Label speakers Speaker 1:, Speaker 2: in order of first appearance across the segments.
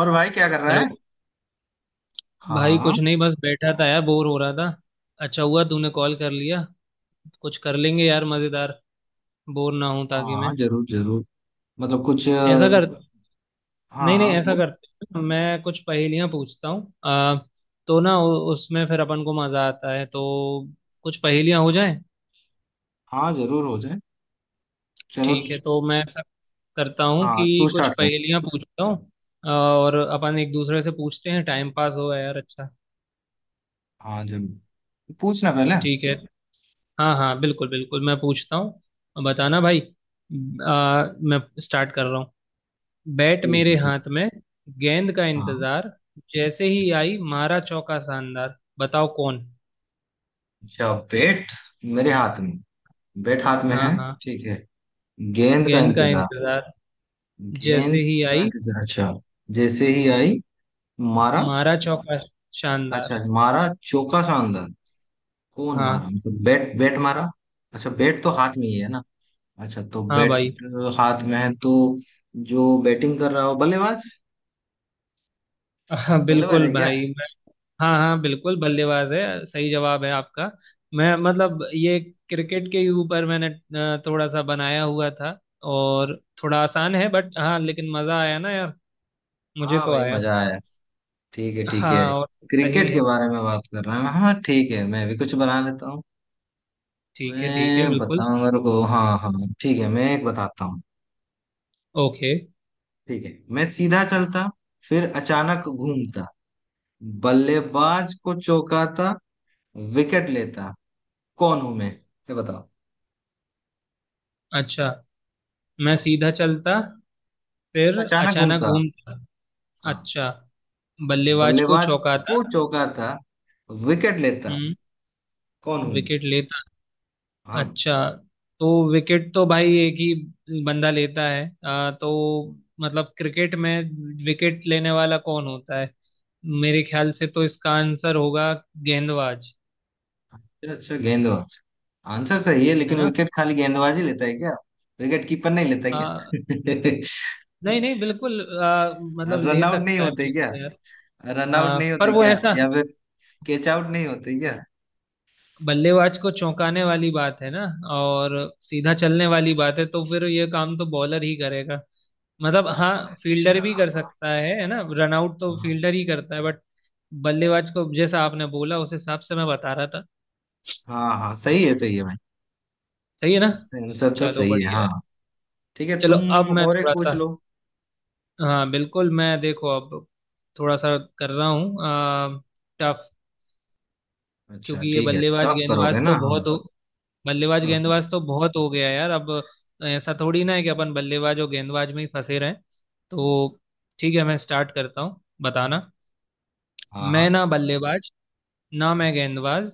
Speaker 1: और भाई क्या कर रहा
Speaker 2: हेलो।
Speaker 1: है?
Speaker 2: भाई
Speaker 1: हाँ।
Speaker 2: कुछ नहीं, बस बैठा था यार, बोर हो रहा था। अच्छा हुआ तूने कॉल कर लिया। कुछ कर लेंगे यार मजेदार, बोर ना हूं ताकि
Speaker 1: हाँ
Speaker 2: मैं।
Speaker 1: हाँ, जरूर जरूर। मतलब कुछ
Speaker 2: ऐसा कर,
Speaker 1: हाँ
Speaker 2: नहीं नहीं,
Speaker 1: हाँ
Speaker 2: ऐसा
Speaker 1: बोल।
Speaker 2: करते हैं। मैं कुछ पहेलियां पूछता हूँ। आ तो ना उ- उसमें फिर अपन को मजा आता है, तो कुछ पहेलियां हो जाए।
Speaker 1: हाँ, जरूर हो जाए। चलो।
Speaker 2: ठीक है, तो मैं ऐसा करता हूँ
Speaker 1: हाँ, तू
Speaker 2: कि कुछ
Speaker 1: स्टार्ट कर।
Speaker 2: पहेलियां पूछता हूँ और अपन एक दूसरे से पूछते हैं, टाइम पास हो यार। अच्छा,
Speaker 1: हाँ जरूर। पूछना पहले।
Speaker 2: ठीक है। हाँ हाँ, बिल्कुल बिल्कुल, मैं पूछता हूँ, बताना भाई। मैं स्टार्ट कर रहा हूँ। बैट
Speaker 1: ठीक
Speaker 2: मेरे
Speaker 1: है, ठीक
Speaker 2: हाथ में, गेंद का
Speaker 1: है। हाँ,
Speaker 2: इंतजार, जैसे ही आई मारा चौका शानदार, बताओ कौन।
Speaker 1: अच्छा। बेट मेरे हाथ में। बेट हाथ में
Speaker 2: हाँ
Speaker 1: है।
Speaker 2: हाँ।
Speaker 1: ठीक है। गेंद का
Speaker 2: गेंद का
Speaker 1: इंतजार।
Speaker 2: इंतजार, जैसे
Speaker 1: गेंद
Speaker 2: ही
Speaker 1: का
Speaker 2: आई
Speaker 1: इंतजार, अच्छा। जैसे ही आई मारा,
Speaker 2: मारा चौका
Speaker 1: अच्छा।
Speaker 2: शानदार।
Speaker 1: मारा चौका, शानदार। कौन मारा?
Speaker 2: हाँ
Speaker 1: मतलब बैट, बैट मारा? अच्छा, बैट तो हाथ में ही है ना। अच्छा, तो
Speaker 2: हाँ
Speaker 1: बैट
Speaker 2: भाई।
Speaker 1: हाथ में है तो जो बैटिंग कर रहा हो बल्लेबाज।
Speaker 2: हाँ
Speaker 1: बल्लेबाज है
Speaker 2: बिल्कुल
Speaker 1: क्या?
Speaker 2: भाई। हाँ हाँ, बिल्कुल, बल्लेबाज है, सही जवाब है आपका। मैं मतलब ये क्रिकेट के ही ऊपर मैंने थोड़ा सा बनाया हुआ था। और थोड़ा आसान है बट हाँ, लेकिन मजा आया ना यार, मुझे
Speaker 1: हाँ
Speaker 2: तो
Speaker 1: भाई,
Speaker 2: आया।
Speaker 1: मजा आया। ठीक है, ठीक है।
Speaker 2: हाँ और सही
Speaker 1: क्रिकेट के
Speaker 2: है।
Speaker 1: बारे में बात कर रहे हैं। हाँ, ठीक है, मैं भी कुछ बना लेता हूँ।
Speaker 2: ठीक है ठीक है,
Speaker 1: मैं
Speaker 2: बिल्कुल।
Speaker 1: बताऊंगा, रुको। हाँ हाँ। ठीक है, मैं एक बताता हूँ।
Speaker 2: ओके।
Speaker 1: ठीक है। मैं सीधा चलता, फिर अचानक घूमता, बल्लेबाज को चौकाता, विकेट लेता। कौन हूं मैं? ये बताओ।
Speaker 2: अच्छा, मैं
Speaker 1: हाँ।
Speaker 2: सीधा चलता, फिर
Speaker 1: फिर अचानक
Speaker 2: अचानक
Speaker 1: घूमता।
Speaker 2: घूमता।
Speaker 1: हाँ।
Speaker 2: अच्छा। बल्लेबाज को
Speaker 1: बल्लेबाज
Speaker 2: चौंकाता।
Speaker 1: को चौकाता, विकेट लेता।
Speaker 2: हम्म।
Speaker 1: कौन हूँ मैं?
Speaker 2: विकेट ले।
Speaker 1: हाँ,
Speaker 2: अच्छा, तो विकेट तो भाई एक ही बंदा लेता है। तो मतलब क्रिकेट में विकेट लेने वाला कौन होता है, मेरे ख्याल से तो इसका आंसर होगा गेंदबाज।
Speaker 1: अच्छा अच्छा, गेंदबाज। आंसर सही है,
Speaker 2: है
Speaker 1: लेकिन
Speaker 2: ना।
Speaker 1: विकेट खाली गेंदबाज ही लेता है क्या? विकेट कीपर नहीं लेता है
Speaker 2: आ,
Speaker 1: क्या?
Speaker 2: नहीं नहीं, बिल्कुल, मतलब
Speaker 1: रन
Speaker 2: ले
Speaker 1: आउट नहीं
Speaker 2: सकता है
Speaker 1: होते क्या?
Speaker 2: बिल्कुल यार।
Speaker 1: रन आउट
Speaker 2: हाँ
Speaker 1: नहीं
Speaker 2: पर
Speaker 1: होते
Speaker 2: वो
Speaker 1: क्या,
Speaker 2: ऐसा,
Speaker 1: या फिर कैच आउट नहीं होते क्या?
Speaker 2: बल्लेबाज को चौंकाने वाली बात है ना, और सीधा चलने वाली बात है, तो फिर ये काम तो बॉलर ही करेगा। मतलब हाँ, फील्डर
Speaker 1: अच्छा।
Speaker 2: भी कर सकता है ना, रन आउट तो
Speaker 1: हाँ
Speaker 2: फील्डर ही करता है, बट बल्लेबाज को जैसा आपने बोला उस हिसाब से मैं बता रहा था।
Speaker 1: हाँ। हाँ, सही है भाई।
Speaker 2: सही है ना।
Speaker 1: आंसर तो
Speaker 2: चलो,
Speaker 1: सही है,
Speaker 2: बढ़िया
Speaker 1: हाँ।
Speaker 2: है।
Speaker 1: ठीक है,
Speaker 2: चलो
Speaker 1: तुम
Speaker 2: अब मैं
Speaker 1: और एक
Speaker 2: थोड़ा
Speaker 1: पूछ
Speaker 2: सा,
Speaker 1: लो।
Speaker 2: हाँ बिल्कुल, मैं देखो अब थोड़ा सा कर रहा हूँ टफ।
Speaker 1: अच्छा,
Speaker 2: क्योंकि ये
Speaker 1: ठीक है, टफ करोगे ना? हाँ।
Speaker 2: बल्लेबाज
Speaker 1: हाँ
Speaker 2: गेंदबाज तो बहुत हो गया यार अब। ऐसा थोड़ी ना है कि अपन बल्लेबाज और गेंदबाज में ही फंसे रहें। तो ठीक है, मैं स्टार्ट करता हूँ, बताना।
Speaker 1: हाँ।
Speaker 2: मैं
Speaker 1: हाँ,
Speaker 2: ना बल्लेबाज, ना मैं
Speaker 1: अच्छा
Speaker 2: गेंदबाज,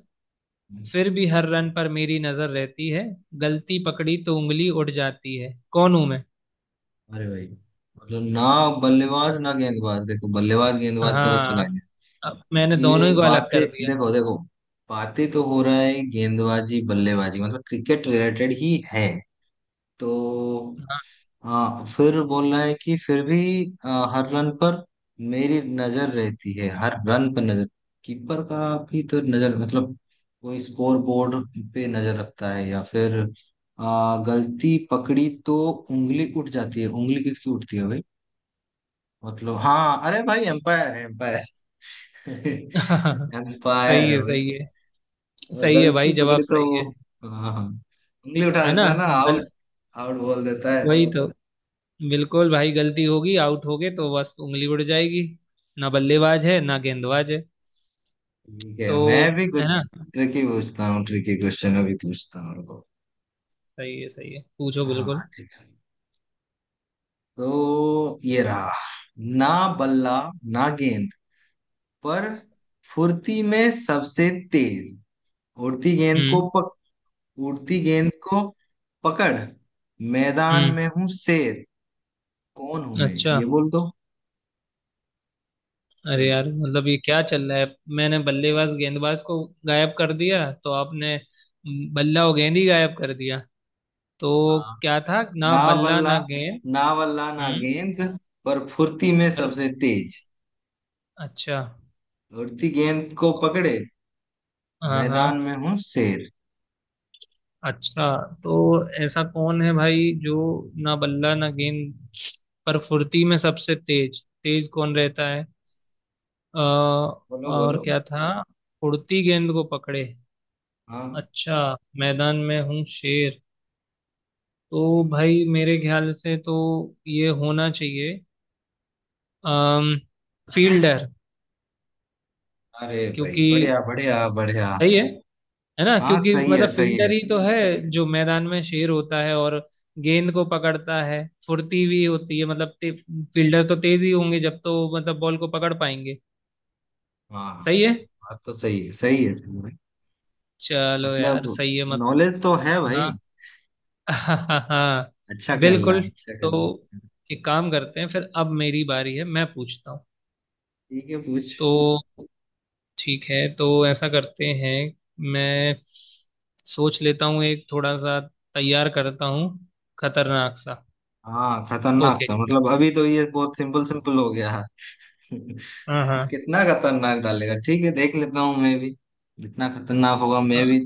Speaker 1: अच्छा।
Speaker 2: फिर भी हर रन पर मेरी नजर रहती है, गलती पकड़ी तो उंगली उठ जाती है, कौन हूं मैं।
Speaker 1: अरे भाई, मतलब ना बल्लेबाज ना गेंदबाज। देखो, बल्लेबाज गेंदबाज का तो चला
Speaker 2: हाँ,
Speaker 1: है
Speaker 2: अब मैंने
Speaker 1: ये।
Speaker 2: दोनों ही को अलग
Speaker 1: बातें
Speaker 2: कर दिया।
Speaker 1: देखो देखो। बातें तो हो रहा है गेंदबाजी बल्लेबाजी, मतलब क्रिकेट रिलेटेड ही है तो।
Speaker 2: हाँ।
Speaker 1: हाँ, फिर बोल रहा है कि फिर भी हर रन पर मेरी नजर रहती है। हर रन पर नजर, कीपर का भी तो नजर। मतलब कोई स्कोर बोर्ड पे नजर रखता है, या फिर गलती पकड़ी तो उंगली उठ जाती है। उंगली किसकी उठती है भाई? मतलब हाँ, अरे भाई एम्पायर है, एम्पायर।
Speaker 2: सही
Speaker 1: एम्पायर।
Speaker 2: है सही है। सही है भाई,
Speaker 1: गलती
Speaker 2: जवाब
Speaker 1: पकड़ी तो
Speaker 2: सही
Speaker 1: वो,
Speaker 2: है।
Speaker 1: हाँ हाँ, उंगली उठा
Speaker 2: है ना।
Speaker 1: देता है ना।
Speaker 2: गल
Speaker 1: आउट, आउट बोल देता है।
Speaker 2: वही तो, बिल्कुल भाई, गलती होगी आउट हो गए तो बस उंगली उड़ जाएगी, ना बल्लेबाज है ना गेंदबाज है
Speaker 1: ठीक है,
Speaker 2: तो।
Speaker 1: मैं भी
Speaker 2: है
Speaker 1: कुछ
Speaker 2: ना।
Speaker 1: ट्रिकी पूछता हूँ। ट्रिकी क्वेश्चन अभी पूछता हूँ, रुको।
Speaker 2: सही है सही है, पूछो
Speaker 1: हाँ।
Speaker 2: बिल्कुल।
Speaker 1: ठीक है, तो ये रहा। ना बल्ला, ना गेंद, पर फुर्ती में सबसे तेज। उड़ती गेंद को
Speaker 2: हम्म
Speaker 1: पक उड़ती गेंद को पकड़, मैदान
Speaker 2: हम्म
Speaker 1: में हूँ शेर। कौन हूं मैं,
Speaker 2: अच्छा,
Speaker 1: ये बोल दो।
Speaker 2: अरे
Speaker 1: चलो।
Speaker 2: यार मतलब ये क्या चल रहा है, मैंने बल्लेबाज गेंदबाज को गायब कर दिया तो आपने बल्ला और गेंद ही गायब कर दिया। तो क्या था, ना
Speaker 1: ना
Speaker 2: बल्ला
Speaker 1: वल्ला
Speaker 2: ना गेंद।
Speaker 1: ना वल्ला ना
Speaker 2: हम्म।
Speaker 1: गेंद, पर फुर्ती में
Speaker 2: और
Speaker 1: सबसे तेज,
Speaker 2: अच्छा।
Speaker 1: उड़ती गेंद को पकड़े,
Speaker 2: हाँ
Speaker 1: मैदान
Speaker 2: हाँ।
Speaker 1: में हूँ शेर।
Speaker 2: अच्छा, तो ऐसा कौन है भाई जो ना बल्ला ना गेंद, पर फुर्ती में सबसे तेज, तेज कौन रहता है। अ,
Speaker 1: बोलो
Speaker 2: और
Speaker 1: बोलो।
Speaker 2: क्या था, उड़ती गेंद को पकड़े।
Speaker 1: हाँ।
Speaker 2: अच्छा, मैदान में हूँ शेर। तो भाई मेरे ख्याल से तो ये होना चाहिए, अम फील्डर।
Speaker 1: अरे भाई,
Speaker 2: क्योंकि
Speaker 1: बढ़िया बढ़िया बढ़िया।
Speaker 2: सही है ना,
Speaker 1: हाँ,
Speaker 2: क्योंकि
Speaker 1: सही है
Speaker 2: मतलब
Speaker 1: सही
Speaker 2: फील्डर
Speaker 1: है।
Speaker 2: ही तो है जो मैदान में शेर होता है और गेंद को पकड़ता है, फुर्ती भी होती है, मतलब फील्डर तो तेज ही होंगे जब तो मतलब बॉल को पकड़ पाएंगे।
Speaker 1: हाँ,
Speaker 2: सही है।
Speaker 1: बात तो सही है, सही है सही है।
Speaker 2: चलो यार
Speaker 1: मतलब
Speaker 2: सही है मत
Speaker 1: नॉलेज तो है भाई।
Speaker 2: हाँ। हाँ
Speaker 1: अच्छा खेल रहा
Speaker 2: बिल्कुल।
Speaker 1: है, अच्छा खेल रहा
Speaker 2: तो
Speaker 1: है।
Speaker 2: एक काम करते हैं, फिर अब मेरी बारी है, मैं पूछता हूँ।
Speaker 1: ठीक है, पूछ।
Speaker 2: तो ठीक है, तो ऐसा करते हैं, मैं सोच लेता हूँ एक, थोड़ा सा तैयार करता हूँ खतरनाक सा।
Speaker 1: हाँ, खतरनाक
Speaker 2: ओके।
Speaker 1: सा? मतलब अभी तो ये बहुत सिंपल सिंपल हो गया है।
Speaker 2: हाँ हाँ।
Speaker 1: कितना खतरनाक डालेगा? ठीक है, देख लेता हूँ मैं भी। जितना खतरनाक होगा,
Speaker 2: अ,
Speaker 1: मैं भी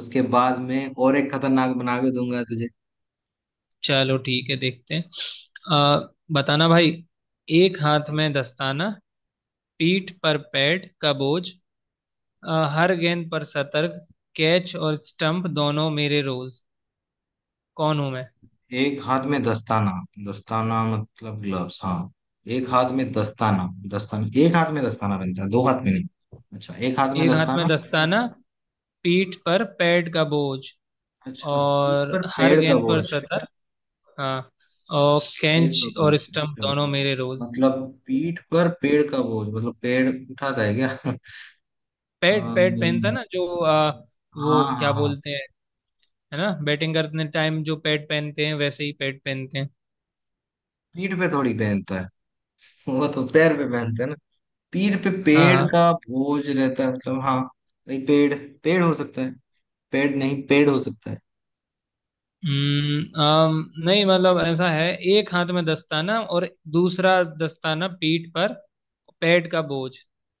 Speaker 1: उसके बाद में और एक खतरनाक बना के दूंगा तुझे।
Speaker 2: चलो ठीक है, देखते हैं। बताना भाई। एक हाथ में दस्ताना, पीठ पर पैड का बोझ, हर गेंद पर सतर्क, कैच और स्टंप दोनों मेरे रोज, कौन हूं मैं।
Speaker 1: एक हाथ में दस्ताना। दस्ताना मतलब ग्लव्स। हाँ, एक हाथ में दस्ताना। दस्ताना, एक हाथ में दस्ताना पहनता है, दो हाथ में नहीं। अच्छा, एक हाथ में
Speaker 2: एक हाथ में
Speaker 1: दस्ताना।
Speaker 2: दस्ताना, पीठ पर पैड का बोझ,
Speaker 1: अच्छा। पीठ
Speaker 2: और
Speaker 1: पर
Speaker 2: हर
Speaker 1: पेड़ का
Speaker 2: गेंद पर
Speaker 1: बोझ।
Speaker 2: सतर्क। हाँ। और
Speaker 1: पेड़
Speaker 2: कैंच
Speaker 1: का बोझ,
Speaker 2: और स्टंप
Speaker 1: अच्छा।
Speaker 2: दोनों मेरे रोज।
Speaker 1: मतलब पीठ पर पेड़ का बोझ, मतलब पेड़ उठाता है क्या?
Speaker 2: पैड, पहनता
Speaker 1: अम्म,
Speaker 2: ना जो,
Speaker 1: हाँ
Speaker 2: वो क्या
Speaker 1: हाँ हाँ।
Speaker 2: बोलते हैं, है ना, बैटिंग करने टाइम जो पैड पहनते हैं वैसे ही पैड पहनते हैं।
Speaker 1: पीठ पे थोड़ी पहनता है, वो तो पैर पे पहनते हैं ना। पीर पे
Speaker 2: हाँ
Speaker 1: पेड़
Speaker 2: हाँ।
Speaker 1: का बोझ रहता है मतलब, हाँ भाई पेड़। पेड़ हो सकता है, पेड़ नहीं, पेड़ हो सकता है।
Speaker 2: नहीं मतलब ऐसा है, एक हाथ में दस्ताना और दूसरा दस्ताना पीठ पर, पैड का बोझ,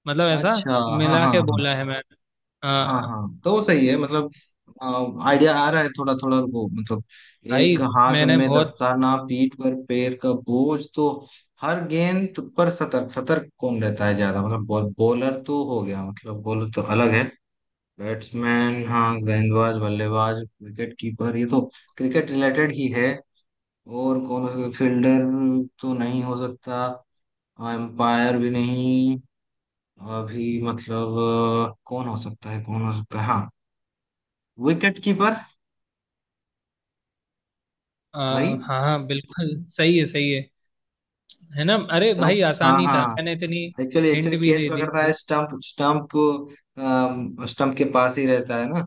Speaker 2: मतलब ऐसा
Speaker 1: अच्छा, हाँ
Speaker 2: मिला
Speaker 1: हाँ
Speaker 2: के
Speaker 1: हाँ।
Speaker 2: बोला है मैंने।
Speaker 1: हाँ
Speaker 2: हाँ
Speaker 1: हाँ, तो वो सही है मतलब। आइडिया आ रहा है थोड़ा थोड़ा, रुको मतलब।
Speaker 2: भाई।
Speaker 1: एक हाथ
Speaker 2: मैंने
Speaker 1: में
Speaker 2: बहुत
Speaker 1: दस्ताना, पीठ पर पैर का बोझ, तो हर गेंद पर सतर्क। सतर्क कौन रहता है ज्यादा? मतलब बॉल, बॉलर तो हो गया, मतलब बॉलर तो अलग है। बैट्समैन, हाँ, गेंदबाज बल्लेबाज विकेट कीपर, ये तो क्रिकेट रिलेटेड ही है। और कौन हो सकता? फील्डर तो नहीं हो सकता, एम्पायर भी नहीं अभी मतलब। कौन हो सकता है, कौन हो सकता है? हाँ, विकेट कीपर
Speaker 2: आ,
Speaker 1: भाई।
Speaker 2: हाँ हाँ, बिल्कुल, सही है सही है। है ना, अरे
Speaker 1: स्टंप,
Speaker 2: भाई
Speaker 1: हाँ
Speaker 2: आसान ही था,
Speaker 1: हाँ।
Speaker 2: मैंने इतनी
Speaker 1: एक्चुअली
Speaker 2: हिंट
Speaker 1: एक्चुअली
Speaker 2: भी
Speaker 1: कैच
Speaker 2: दे दी
Speaker 1: पकड़ता है,
Speaker 2: थी।
Speaker 1: स्टंप, स्टंप स्टंप के पास ही रहता है ना,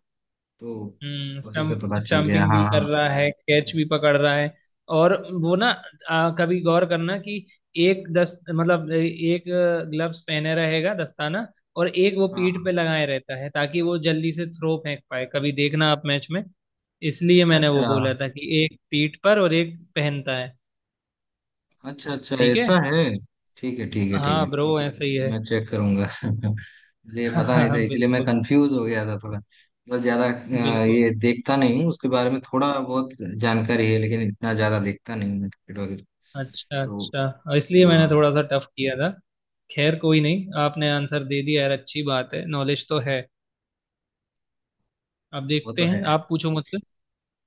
Speaker 1: तो
Speaker 2: हम्म,
Speaker 1: उसी से
Speaker 2: स्टम्प,
Speaker 1: पता चल गया।
Speaker 2: स्टम्पिंग
Speaker 1: हाँ
Speaker 2: भी कर
Speaker 1: हाँ।
Speaker 2: रहा है कैच भी पकड़ रहा है। और वो ना, कभी गौर करना कि एक दस मतलब एक ग्लव्स पहने रहेगा दस्ताना, और एक वो
Speaker 1: हाँ
Speaker 2: पीठ
Speaker 1: हाँ।
Speaker 2: पे लगाए रहता है ताकि वो जल्दी से थ्रो फेंक पाए, कभी देखना आप मैच में। इसलिए
Speaker 1: अच्छा
Speaker 2: मैंने
Speaker 1: अच्छा,
Speaker 2: वो बोला था कि एक पीठ पर और एक पहनता है।
Speaker 1: अच्छा अच्छा,
Speaker 2: ठीक है।
Speaker 1: ऐसा है। ठीक है, ठीक है, ठीक है।
Speaker 2: हाँ ब्रो ऐसे ही है।
Speaker 1: मैं चेक करूंगा। मुझे ये पता नहीं
Speaker 2: हाँ
Speaker 1: था, इसलिए मैं
Speaker 2: बिल्कुल
Speaker 1: कंफ्यूज हो गया था थोड़ा। मतलब ज्यादा
Speaker 2: बिल्कुल।
Speaker 1: ये देखता नहीं हूँ, उसके बारे में थोड़ा बहुत जानकारी है, लेकिन इतना ज्यादा देखता नहीं हूँ मैं क्रिकेट वगैरह
Speaker 2: अच्छा
Speaker 1: तो।
Speaker 2: अच्छा। और इसलिए मैंने
Speaker 1: हाँ,
Speaker 2: थोड़ा सा टफ किया था। खैर कोई नहीं, आपने आंसर दे दिया यार, अच्छी बात है, नॉलेज तो है। अब
Speaker 1: वो
Speaker 2: देखते
Speaker 1: तो है।
Speaker 2: हैं, आप पूछो मुझसे।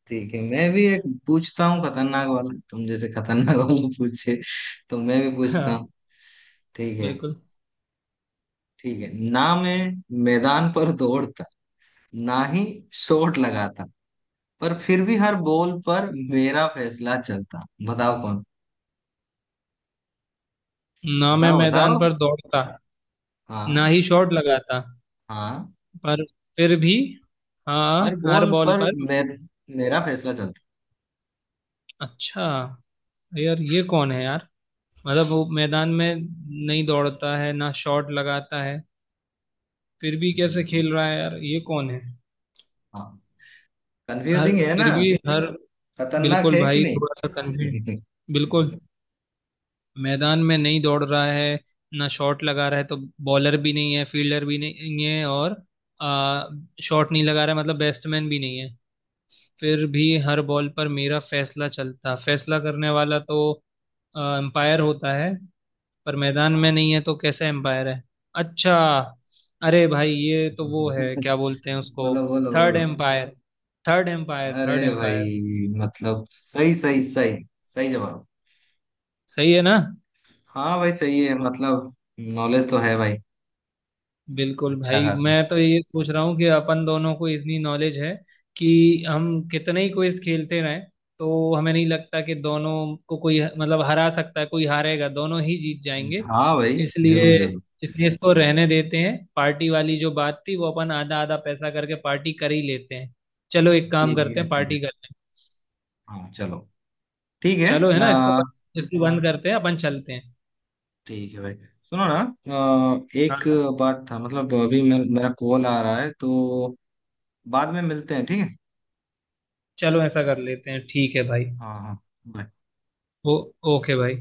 Speaker 1: ठीक है, मैं भी एक पूछता हूँ खतरनाक वाला, तुम जैसे खतरनाक वाला पूछे, तो मैं भी पूछता हूँ।
Speaker 2: हाँ
Speaker 1: ठीक है।
Speaker 2: बिल्कुल।
Speaker 1: ठीक है, ना मैं मैदान पर दौड़ता, ना ही शॉट लगाता, पर फिर भी हर बॉल पर मेरा फैसला चलता। बताओ कौन?
Speaker 2: ना मैं
Speaker 1: बताओ।
Speaker 2: मैदान पर दौड़ता, ना
Speaker 1: हाँ
Speaker 2: ही शॉट लगाता,
Speaker 1: हाँ,
Speaker 2: पर फिर भी, हाँ
Speaker 1: हर
Speaker 2: हर
Speaker 1: गोल
Speaker 2: बॉल
Speaker 1: पर
Speaker 2: पर।
Speaker 1: मेरा फैसला चलता।
Speaker 2: अच्छा, यार ये कौन है यार, मतलब वो मैदान में नहीं दौड़ता है ना शॉट लगाता है, फिर भी कैसे
Speaker 1: है जी, जी।
Speaker 2: खेल रहा है यार ये कौन है।
Speaker 1: हाँ,
Speaker 2: हर
Speaker 1: कंफ्यूजिंग है ना?
Speaker 2: फिर भी हर
Speaker 1: खतरनाक
Speaker 2: बिल्कुल
Speaker 1: है कि
Speaker 2: भाई, थोड़ा सा कंफ्यूज,
Speaker 1: नहीं?
Speaker 2: बिल्कुल। मैदान में नहीं दौड़ रहा है, ना शॉट लगा रहा है तो बॉलर भी नहीं है, फील्डर भी नहीं है और आ, शॉट नहीं लगा रहा है मतलब बैट्समैन भी नहीं है। फिर भी हर बॉल पर मेरा फैसला चलता, फैसला करने वाला तो अंपायर होता है, पर मैदान में
Speaker 1: हाँ।
Speaker 2: नहीं है तो कैसा एम्पायर है। अच्छा, अरे भाई ये तो वो है, क्या बोलते हैं उसको,
Speaker 1: बोलो बोलो
Speaker 2: थर्ड
Speaker 1: बोलो।
Speaker 2: एम्पायर थर्ड एम्पायर
Speaker 1: अरे
Speaker 2: थर्ड एम्पायर।
Speaker 1: भाई मतलब, सही सही सही, सही जवाब।
Speaker 2: सही है ना।
Speaker 1: हाँ भाई, सही है। मतलब नॉलेज तो है भाई,
Speaker 2: बिल्कुल
Speaker 1: अच्छा
Speaker 2: भाई,
Speaker 1: खासा।
Speaker 2: मैं तो ये सोच रहा हूँ कि अपन दोनों को इतनी नॉलेज है कि हम कितने ही क्विज खेलते रहें तो हमें नहीं लगता कि दोनों को कोई मतलब हरा सकता है, कोई हारेगा, दोनों ही जीत जाएंगे।
Speaker 1: हाँ भाई, जरूर
Speaker 2: इसलिए
Speaker 1: जरूर।
Speaker 2: इसलिए इसको रहने देते हैं, पार्टी वाली जो बात थी वो अपन आधा आधा पैसा करके पार्टी कर ही लेते हैं। चलो एक काम
Speaker 1: ठीक
Speaker 2: करते
Speaker 1: है,
Speaker 2: हैं,
Speaker 1: ठीक है।
Speaker 2: पार्टी करते हैं।
Speaker 1: हाँ, चलो, ठीक है।
Speaker 2: चलो, है ना,
Speaker 1: आ,
Speaker 2: इसको बंद करते हैं, अपन चलते हैं।
Speaker 1: ठीक है भाई। सुनो ना, एक
Speaker 2: हाँ
Speaker 1: बात था मतलब, अभी मेरा कॉल आ रहा है तो बाद में मिलते हैं, ठीक है?
Speaker 2: चलो ऐसा कर लेते हैं, ठीक है भाई।
Speaker 1: हाँ हाँ। bye.
Speaker 2: ओ, ओके भाई।